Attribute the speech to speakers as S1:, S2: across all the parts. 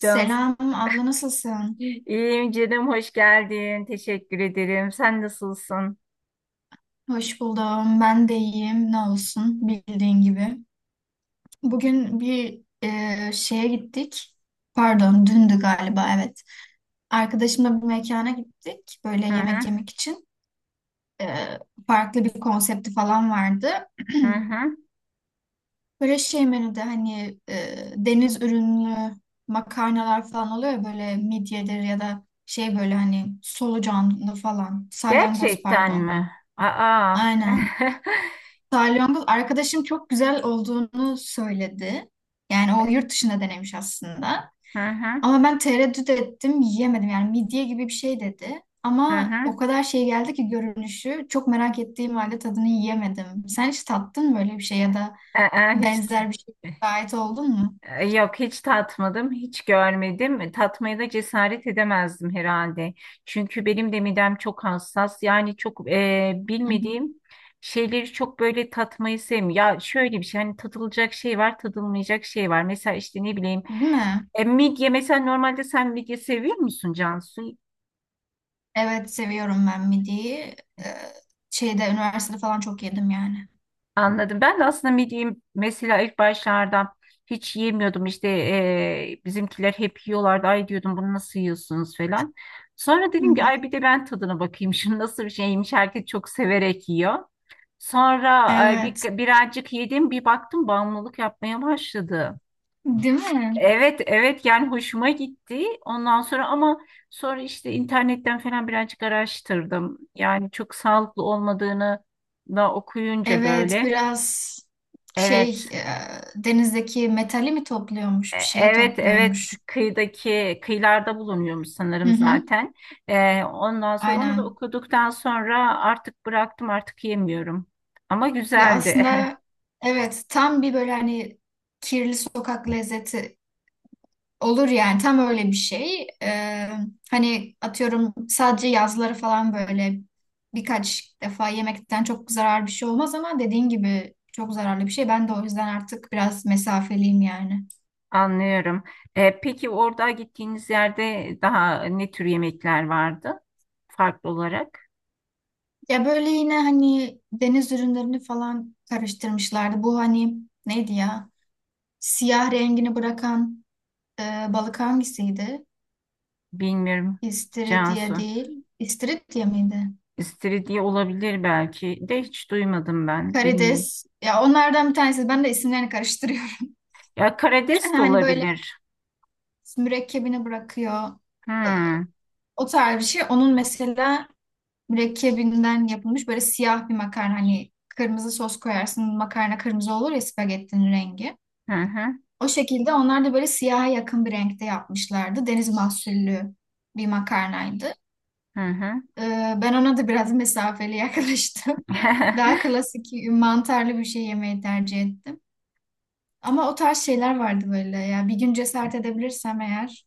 S1: Cansu.
S2: abla, nasılsın?
S1: İyiyim canım, hoş geldin. Teşekkür ederim. Sen nasılsın?
S2: Hoş buldum. Ben de iyiyim. Ne olsun, bildiğin gibi. Bugün bir şeye gittik. Pardon, dündü galiba, evet. Arkadaşımla bir mekana gittik böyle
S1: Hı
S2: yemek
S1: hı,
S2: yemek için. E, Farklı bir konsepti falan vardı.
S1: hı hı.
S2: Böyle şey menüde hani deniz ürünlü makarnalar falan oluyor ya, böyle midyedir ya da şey, böyle hani solucanlı falan, salyangoz
S1: Gerçekten
S2: pardon.
S1: mi? Aa.
S2: Aynen. Salyangoz arkadaşım çok güzel olduğunu söyledi. Yani o yurt dışında denemiş aslında.
S1: Hı hı,
S2: Ama ben tereddüt ettim, yiyemedim. Yani midye gibi bir şey dedi.
S1: hı
S2: Ama o
S1: hı.
S2: kadar şey geldi ki görünüşü. Çok merak ettiğim halde tadını yiyemedim. Sen hiç tattın mı böyle bir şey ya da
S1: Aa, hiç
S2: benzer bir şey şahit oldun mu?
S1: yok, hiç tatmadım, hiç görmedim. Tatmaya da cesaret edemezdim herhalde. Çünkü benim de midem çok hassas. Yani çok
S2: Hı hı.
S1: bilmediğim şeyleri çok böyle tatmayı sevmiyorum. Ya şöyle bir şey, hani tadılacak şey var, tadılmayacak şey var. Mesela işte ne bileyim.
S2: Değil mi?
S1: Midye mesela normalde sen midye seviyor musun Cansu?
S2: Evet, seviyorum ben midyeyi. Ee, Şeyde, üniversitede falan çok yedim yani.
S1: Anladım. Ben de aslında midyeyi mesela ilk başlarda hiç yemiyordum. İşte bizimkiler hep yiyorlardı. Ay diyordum bunu nasıl yiyorsunuz falan. Sonra
S2: Hı.
S1: dedim ki ay bir de ben tadına bakayım. Şunu nasıl bir şeymiş herkes çok severek yiyor. Sonra
S2: Evet.
S1: birazcık yedim bir baktım bağımlılık yapmaya başladı.
S2: Değil mi?
S1: Evet evet yani hoşuma gitti. Ondan sonra ama sonra işte internetten falan birazcık araştırdım. Yani çok sağlıklı olmadığını da okuyunca
S2: Evet,
S1: böyle.
S2: biraz şey,
S1: Evet.
S2: denizdeki metali mi topluyormuş, bir şeyi
S1: Evet evet
S2: topluyormuş.
S1: kıyılarda bulunuyormuş
S2: Hı
S1: sanırım
S2: hı.
S1: zaten. Ondan sonra onu da
S2: Aynen.
S1: okuduktan sonra artık bıraktım artık yemiyorum. Ama
S2: Ya
S1: güzeldi.
S2: aslında, evet, tam bir böyle hani kirli sokak lezzeti olur yani, tam öyle bir şey. Hani atıyorum sadece yazları falan böyle birkaç defa yemekten çok zararlı bir şey olmaz, ama dediğin gibi çok zararlı bir şey. Ben de o yüzden artık biraz mesafeliyim yani.
S1: Anlıyorum. Peki orada gittiğiniz yerde daha ne tür yemekler vardı farklı olarak?
S2: Ya böyle yine hani deniz ürünlerini falan karıştırmışlardı. Bu hani neydi ya? Siyah rengini bırakan e, balık hangisiydi?
S1: Bilmiyorum
S2: İstiridye
S1: Cansu.
S2: değil. İstiridye miydi?
S1: İstiridye olabilir belki de hiç duymadım ben. Bilmiyorum.
S2: Karides. Ya onlardan bir tanesi. Ben de isimlerini karıştırıyorum.
S1: Ya karides de
S2: Hani böyle
S1: olabilir.
S2: mürekkebini bırakıyor. E,
S1: Hmm.
S2: O tarz bir şey. Onun mesela mürekkebinden yapılmış böyle siyah bir makarna. Hani kırmızı sos koyarsın. Makarna kırmızı olur ya, spagettinin rengi.
S1: Hı hı.
S2: O şekilde onlar da böyle siyaha yakın bir renkte yapmışlardı. Deniz mahsullü bir makarnaydı.
S1: Hı hı.
S2: Ben ona da biraz mesafeli yaklaştım. Daha klasik mantarlı bir şey yemeyi tercih ettim. Ama o tarz şeyler vardı böyle ya. Bir gün cesaret edebilirsem eğer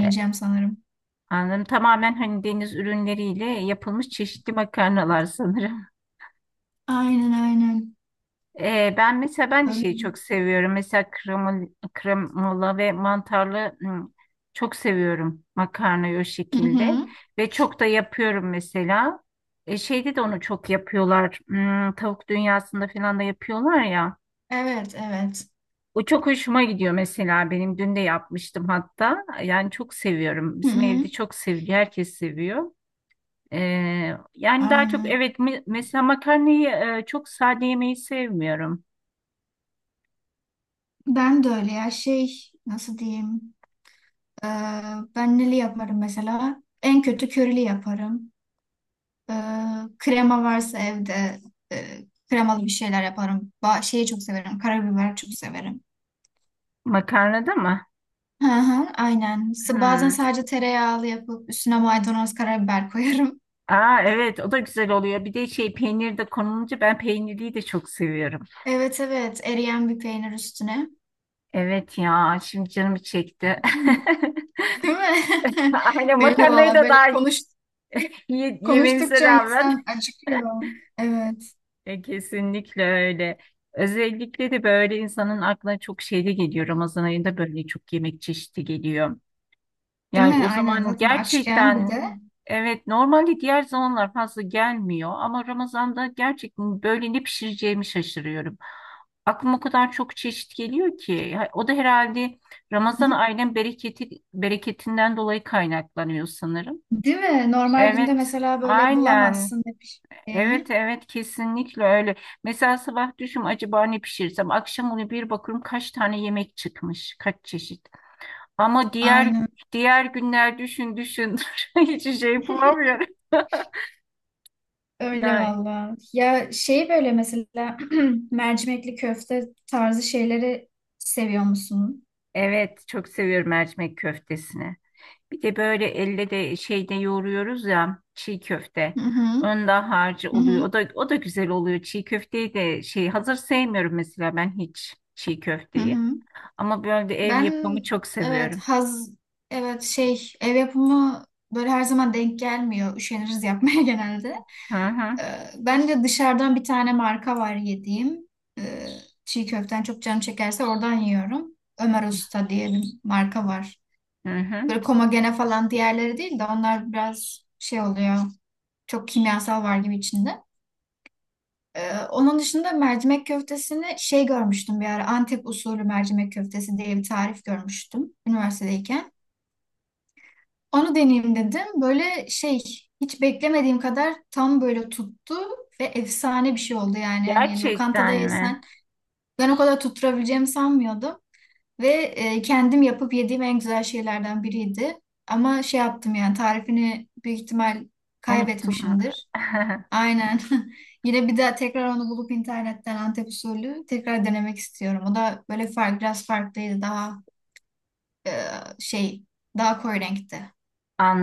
S1: E,
S2: sanırım.
S1: Anladım. Tamamen hani deniz ürünleriyle yapılmış çeşitli makarnalar sanırım.
S2: Aynen aynen.
S1: Ben mesela ben de
S2: Öyle.
S1: şeyi çok seviyorum. Mesela kremola ve mantarlı çok seviyorum makarnayı o
S2: Hı
S1: şekilde.
S2: hı.
S1: Ve çok da yapıyorum mesela. E, şeyde de onu çok yapıyorlar. Hmm, tavuk dünyasında falan da yapıyorlar ya.
S2: Evet evet.
S1: O çok hoşuma gidiyor mesela benim. Dün de yapmıştım hatta. Yani çok seviyorum.
S2: Hı
S1: Bizim
S2: hı.
S1: evde çok seviliyor. Herkes seviyor. Yani daha çok
S2: Aynen.
S1: evet mesela makarnayı çok sade yemeyi sevmiyorum.
S2: Ben de öyle ya, şey, nasıl diyeyim. Ee, Ben neli yaparım mesela? En kötü körili yaparım. Ee, Krema varsa evde, e, kremalı bir şeyler yaparım. Ba şeyi çok severim. Karabiber çok severim.
S1: Makarnada mı?
S2: Hı hı, aynen. S- Bazen
S1: Hmm.
S2: sadece tereyağlı yapıp üstüne maydanoz karabiber koyarım.
S1: Aa evet o da güzel oluyor. Bir de şey peynir de konulunca ben peynirliyi de çok seviyorum.
S2: Evet evet, eriyen bir peynir üstüne.
S1: Evet ya şimdi canım çekti.
S2: Hmm. Değil mi?
S1: Aynen
S2: Benim de
S1: makarnayı
S2: valla
S1: da
S2: böyle
S1: daha yememize
S2: konuştukça
S1: rağmen.
S2: insan acıkıyor. Evet.
S1: E, kesinlikle öyle. Özellikle de böyle insanın aklına çok şey de geliyor. Ramazan ayında böyle çok yemek çeşidi geliyor.
S2: Değil
S1: Yani
S2: mi?
S1: o
S2: Aynen,
S1: zaman
S2: zaten açken bir
S1: gerçekten
S2: de.
S1: evet normalde diğer zamanlar fazla gelmiyor ama Ramazan'da gerçekten böyle ne pişireceğimi şaşırıyorum. Aklıma o kadar çok çeşit geliyor ki. Ya, o da herhalde Ramazan
S2: Hı.
S1: ayının bereketinden dolayı kaynaklanıyor sanırım.
S2: Değil mi? Normal günde
S1: Evet,
S2: mesela böyle
S1: aynen.
S2: bulamazsın ne
S1: Evet
S2: pişirdiğini.
S1: evet kesinlikle öyle. Mesela sabah düşün acaba ne pişirsem akşam onu bir bakıyorum kaç tane yemek çıkmış kaç çeşit. Ama
S2: Aynen.
S1: diğer günler düşün düşün hiç şey bulamıyorum.
S2: Öyle
S1: Yani
S2: valla. Ya şey böyle mesela mercimekli köfte tarzı şeyleri seviyor musun?
S1: evet çok seviyorum mercimek köftesini. Bir de böyle elle de şeyde yoğuruyoruz ya çiğ köfte.
S2: Hı hı.
S1: Onda harcı
S2: Hı
S1: oluyor.
S2: hı.
S1: O da güzel oluyor. Çiğ köfteyi de şey hazır sevmiyorum mesela ben hiç çiğ
S2: Hı
S1: köfteyi.
S2: hı.
S1: Ama böyle de ev
S2: Ben,
S1: yapımı çok
S2: evet,
S1: seviyorum.
S2: evet şey, ev yapımı böyle her zaman denk gelmiyor. Üşeniriz yapmaya genelde.
S1: Hı hı,
S2: Ee, Ben de dışarıdan bir tane marka var yediğim. Ee, Çiğ köften çok canım çekerse oradan yiyorum. Ömer Usta diye bir marka var.
S1: hı hı.
S2: Böyle Komagene falan diğerleri değil de onlar biraz şey oluyor. Çok kimyasal var gibi içinde. Onun dışında mercimek köftesini şey, görmüştüm bir ara. Antep usulü mercimek köftesi diye bir tarif görmüştüm üniversitedeyken. Onu deneyeyim dedim. Böyle şey, hiç beklemediğim kadar tam böyle tuttu ve efsane bir şey oldu yani. Hani lokantada
S1: Gerçekten
S2: yesen
S1: mi?
S2: ben o kadar tutturabileceğimi sanmıyordum. Ve kendim yapıp yediğim en güzel şeylerden biriydi. Ama şey yaptım yani, tarifini büyük ihtimal
S1: Unuttum.
S2: kaybetmişimdir. Aynen. Yine bir daha tekrar onu bulup internetten Antep usulü tekrar denemek istiyorum. O da böyle biraz farklıydı. Daha e, şey, daha koyu renkte.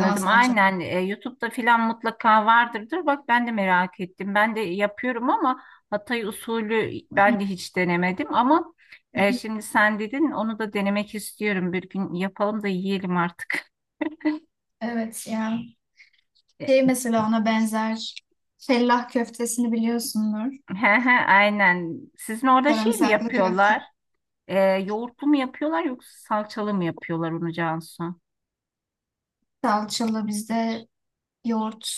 S2: Daha salçalı.
S1: Aynen. E, YouTube'da filan mutlaka vardırdır. Bak ben de merak ettim. Ben de yapıyorum ama Hatay usulü ben de hiç denemedim ama şimdi sen dedin onu da denemek istiyorum. Bir gün yapalım da yiyelim artık.
S2: Evet ya. Şey, mesela ona benzer. Fellah köftesini biliyorsundur.
S1: E, he he, aynen. Sizin orada şey mi
S2: Sarımsaklı köfte
S1: yapıyorlar? E, Yoğurtlu mu yapıyorlar yoksa salçalı mı yapıyorlar onu Cansu?
S2: salçalı, bizde yoğurt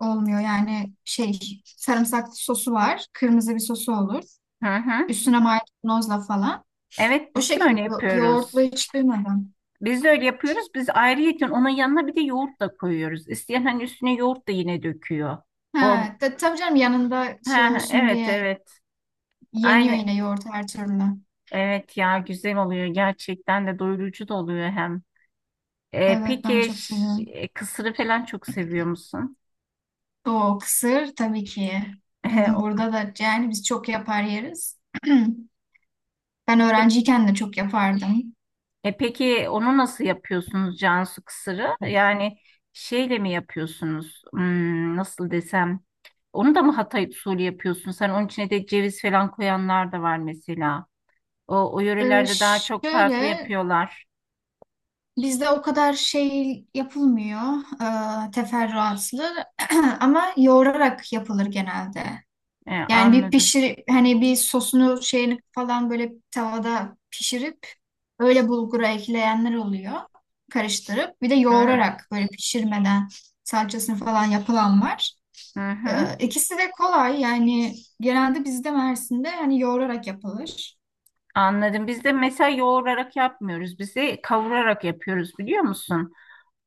S2: olmuyor. Yani şey, sarımsaklı sosu var. Kırmızı bir sosu olur.
S1: Hı hı.
S2: Üstüne maydanozla falan.
S1: Evet
S2: O
S1: biz de öyle
S2: şekilde. Yoğurtlu
S1: yapıyoruz.
S2: hiç duymadım.
S1: Biz de öyle yapıyoruz. Biz ayrıyeten onun yanına bir de yoğurt da koyuyoruz. İsteyen hani üstüne yoğurt da yine döküyor. O
S2: Ha, tabii canım, yanında şey
S1: ha
S2: olsun
S1: evet
S2: diye
S1: evet.
S2: yeniyor
S1: Aynı
S2: yine yoğurt her türlü.
S1: evet ya güzel oluyor gerçekten de doyurucu da oluyor hem. E,
S2: Evet, ben
S1: peki
S2: çok seviyorum.
S1: kısırı falan çok seviyor musun?
S2: O kısır tabii ki.
S1: E,
S2: Bizim
S1: o-
S2: burada da yani biz çok yapar yeriz. Ben
S1: pe-
S2: öğrenciyken de çok yapardım.
S1: e, peki onu nasıl yapıyorsunuz Cansu kısırı? Yani şeyle mi yapıyorsunuz? Hmm, nasıl desem? Onu da mı Hatay usulü yapıyorsun? Sen onun içine de ceviz falan koyanlar da var mesela. O
S2: Ee,
S1: yörelerde daha çok farklı
S2: Şöyle,
S1: yapıyorlar.
S2: bizde o kadar şey yapılmıyor, teferruatlı, ama yoğurarak yapılır genelde.
S1: E,
S2: Yani bir
S1: anladım.
S2: pişir, hani bir sosunu şeyini falan böyle tavada pişirip öyle bulgura ekleyenler oluyor. Karıştırıp bir de
S1: Hı hı,
S2: yoğurarak böyle pişirmeden salçasını falan yapılan var.
S1: hı hı.
S2: İkisi de kolay yani, genelde bizde Mersin'de hani yoğurarak yapılır.
S1: Anladım. Biz de mesela yoğurarak yapmıyoruz. Biz de kavurarak yapıyoruz biliyor musun?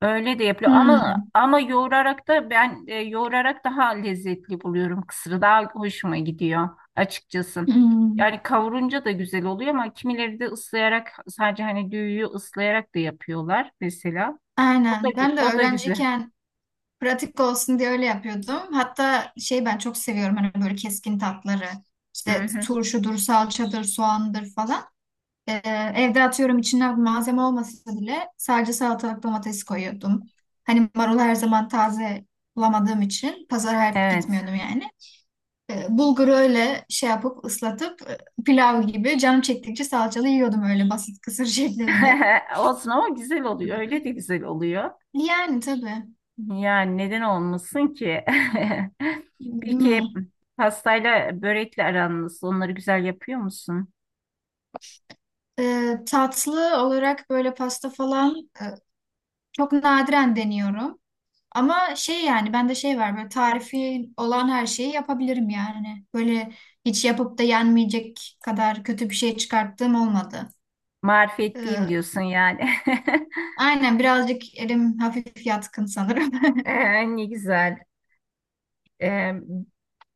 S1: Öyle de yapılıyor.
S2: Hmm,
S1: Ama yoğurarak da yoğurarak daha lezzetli buluyorum. Kısırı daha hoşuma gidiyor açıkçası.
S2: hmm.
S1: Yani kavurunca da güzel oluyor ama kimileri de ıslayarak sadece hani düğüyü ıslayarak da yapıyorlar mesela.
S2: Aynen. Ben de
S1: O da güzel.
S2: öğrenciyken pratik olsun diye öyle yapıyordum. Hatta şey, ben çok seviyorum hani böyle keskin tatları.
S1: Hı
S2: İşte
S1: hı.
S2: turşudur, salçadır, soğandır falan. Ee, Evde atıyorum içine malzeme olmasa bile sadece salatalık domates koyuyordum. Hani marulu her zaman taze bulamadığım için pazara her
S1: Evet.
S2: gitmiyordum yani. Bulguru öyle şey yapıp ıslatıp pilav gibi canım çektikçe salçalı yiyordum, öyle basit kısır şeklinde.
S1: Olsun ama güzel oluyor. Öyle de güzel oluyor.
S2: Yani tabii.
S1: Yani neden olmasın ki? Peki
S2: Bilmiyorum.
S1: pastayla börekle aran nasıl? Onları güzel yapıyor musun?
S2: Tatlı olarak böyle pasta falan çok nadiren deniyorum. Ama şey, yani bende şey var, böyle tarifi olan her şeyi yapabilirim yani. Hani, böyle hiç yapıp da yenmeyecek kadar kötü bir şey çıkarttığım olmadı. Ee,
S1: Marifetliyim diyorsun yani.
S2: aynen, birazcık elim hafif yatkın sanırım.
S1: Ne güzel. Ee,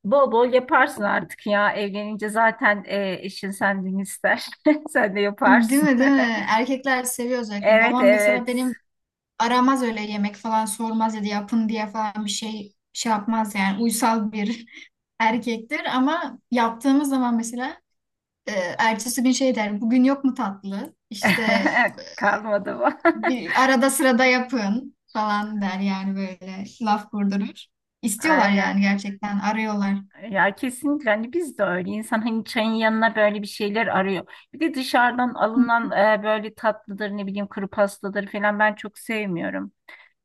S1: Bol bol yaparsın artık ya. Evlenince zaten eşin senden ister. Sen de
S2: Değil
S1: yaparsın.
S2: mi, değil mi? Erkekler seviyor özellikle.
S1: Evet
S2: Babam mesela
S1: evet.
S2: benim aramaz öyle, yemek falan sormaz ya da yapın diye falan bir şey yapmaz yani. Uysal bir erkektir, ama yaptığımız zaman mesela e, ertesi gün şey der, bugün yok mu tatlı? İşte
S1: Kalmadı bu.
S2: bir arada sırada yapın falan der yani, böyle laf kurdurur. İstiyorlar yani,
S1: Aynen.
S2: gerçekten arıyorlar.
S1: Ya kesinlikle hani biz de öyle insan hani çayın yanına böyle bir şeyler arıyor. Bir de dışarıdan alınan böyle tatlıdır ne bileyim kuru pastadır falan ben çok sevmiyorum.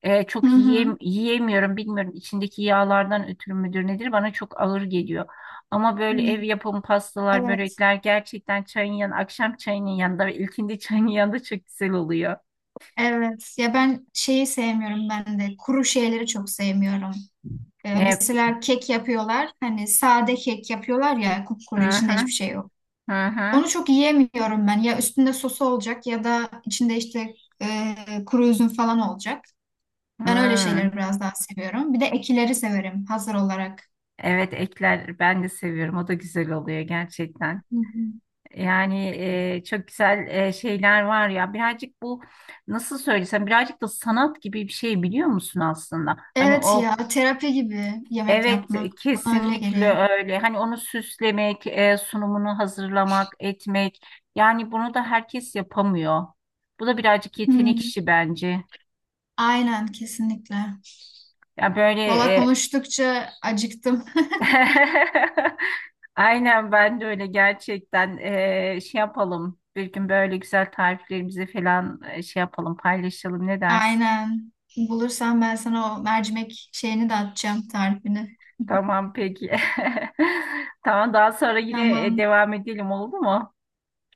S1: E,
S2: Hı
S1: çok
S2: hı.
S1: yiyemiyorum bilmiyorum içindeki yağlardan ötürü müdür nedir bana çok ağır geliyor. Ama böyle
S2: Hı.
S1: ev yapımı pastalar
S2: Evet.
S1: börekler gerçekten çayın yanı akşam çayının yanında ve ilkindi çayın yanında çok güzel oluyor.
S2: Evet. Ya ben şeyi sevmiyorum ben de. Kuru şeyleri çok sevmiyorum.
S1: E,
S2: Mesela kek yapıyorlar. Hani sade kek yapıyorlar ya,
S1: hı
S2: kupkuru, içinde
S1: hı
S2: hiçbir şey yok.
S1: hı
S2: Onu
S1: hı,
S2: çok yiyemiyorum ben. Ya üstünde sosu olacak ya da içinde işte kuru üzüm falan olacak. Ben öyle
S1: hı.
S2: şeyleri biraz daha seviyorum. Bir de ekileri severim hazır olarak.
S1: Evet ekler ben de seviyorum o da güzel oluyor gerçekten.
S2: Hı hı.
S1: Yani çok güzel şeyler var ya birazcık bu nasıl söylesem birazcık da sanat gibi bir şey biliyor musun aslında? Hani
S2: Evet
S1: o
S2: ya, terapi gibi yemek
S1: evet
S2: yapmak bana öyle
S1: kesinlikle
S2: geliyor.
S1: öyle hani onu süslemek sunumunu hazırlamak etmek yani bunu da herkes yapamıyor. Bu da birazcık yetenek
S2: Hmm,
S1: işi bence.
S2: aynen, kesinlikle.
S1: Ya
S2: Valla
S1: böyle
S2: konuştukça acıktım.
S1: Aynen ben de öyle gerçekten. Şey yapalım bir gün böyle güzel tariflerimizi falan şey yapalım paylaşalım ne dersin?
S2: Aynen. Bulursam ben sana o mercimek şeyini de atacağım, tarifini.
S1: Tamam peki. Tamam daha sonra yine
S2: Tamam,
S1: devam edelim oldu mu?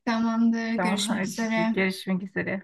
S2: tamamdır.
S1: Tamam
S2: Görüşmek
S1: hadi
S2: üzere.
S1: görüşmek üzere.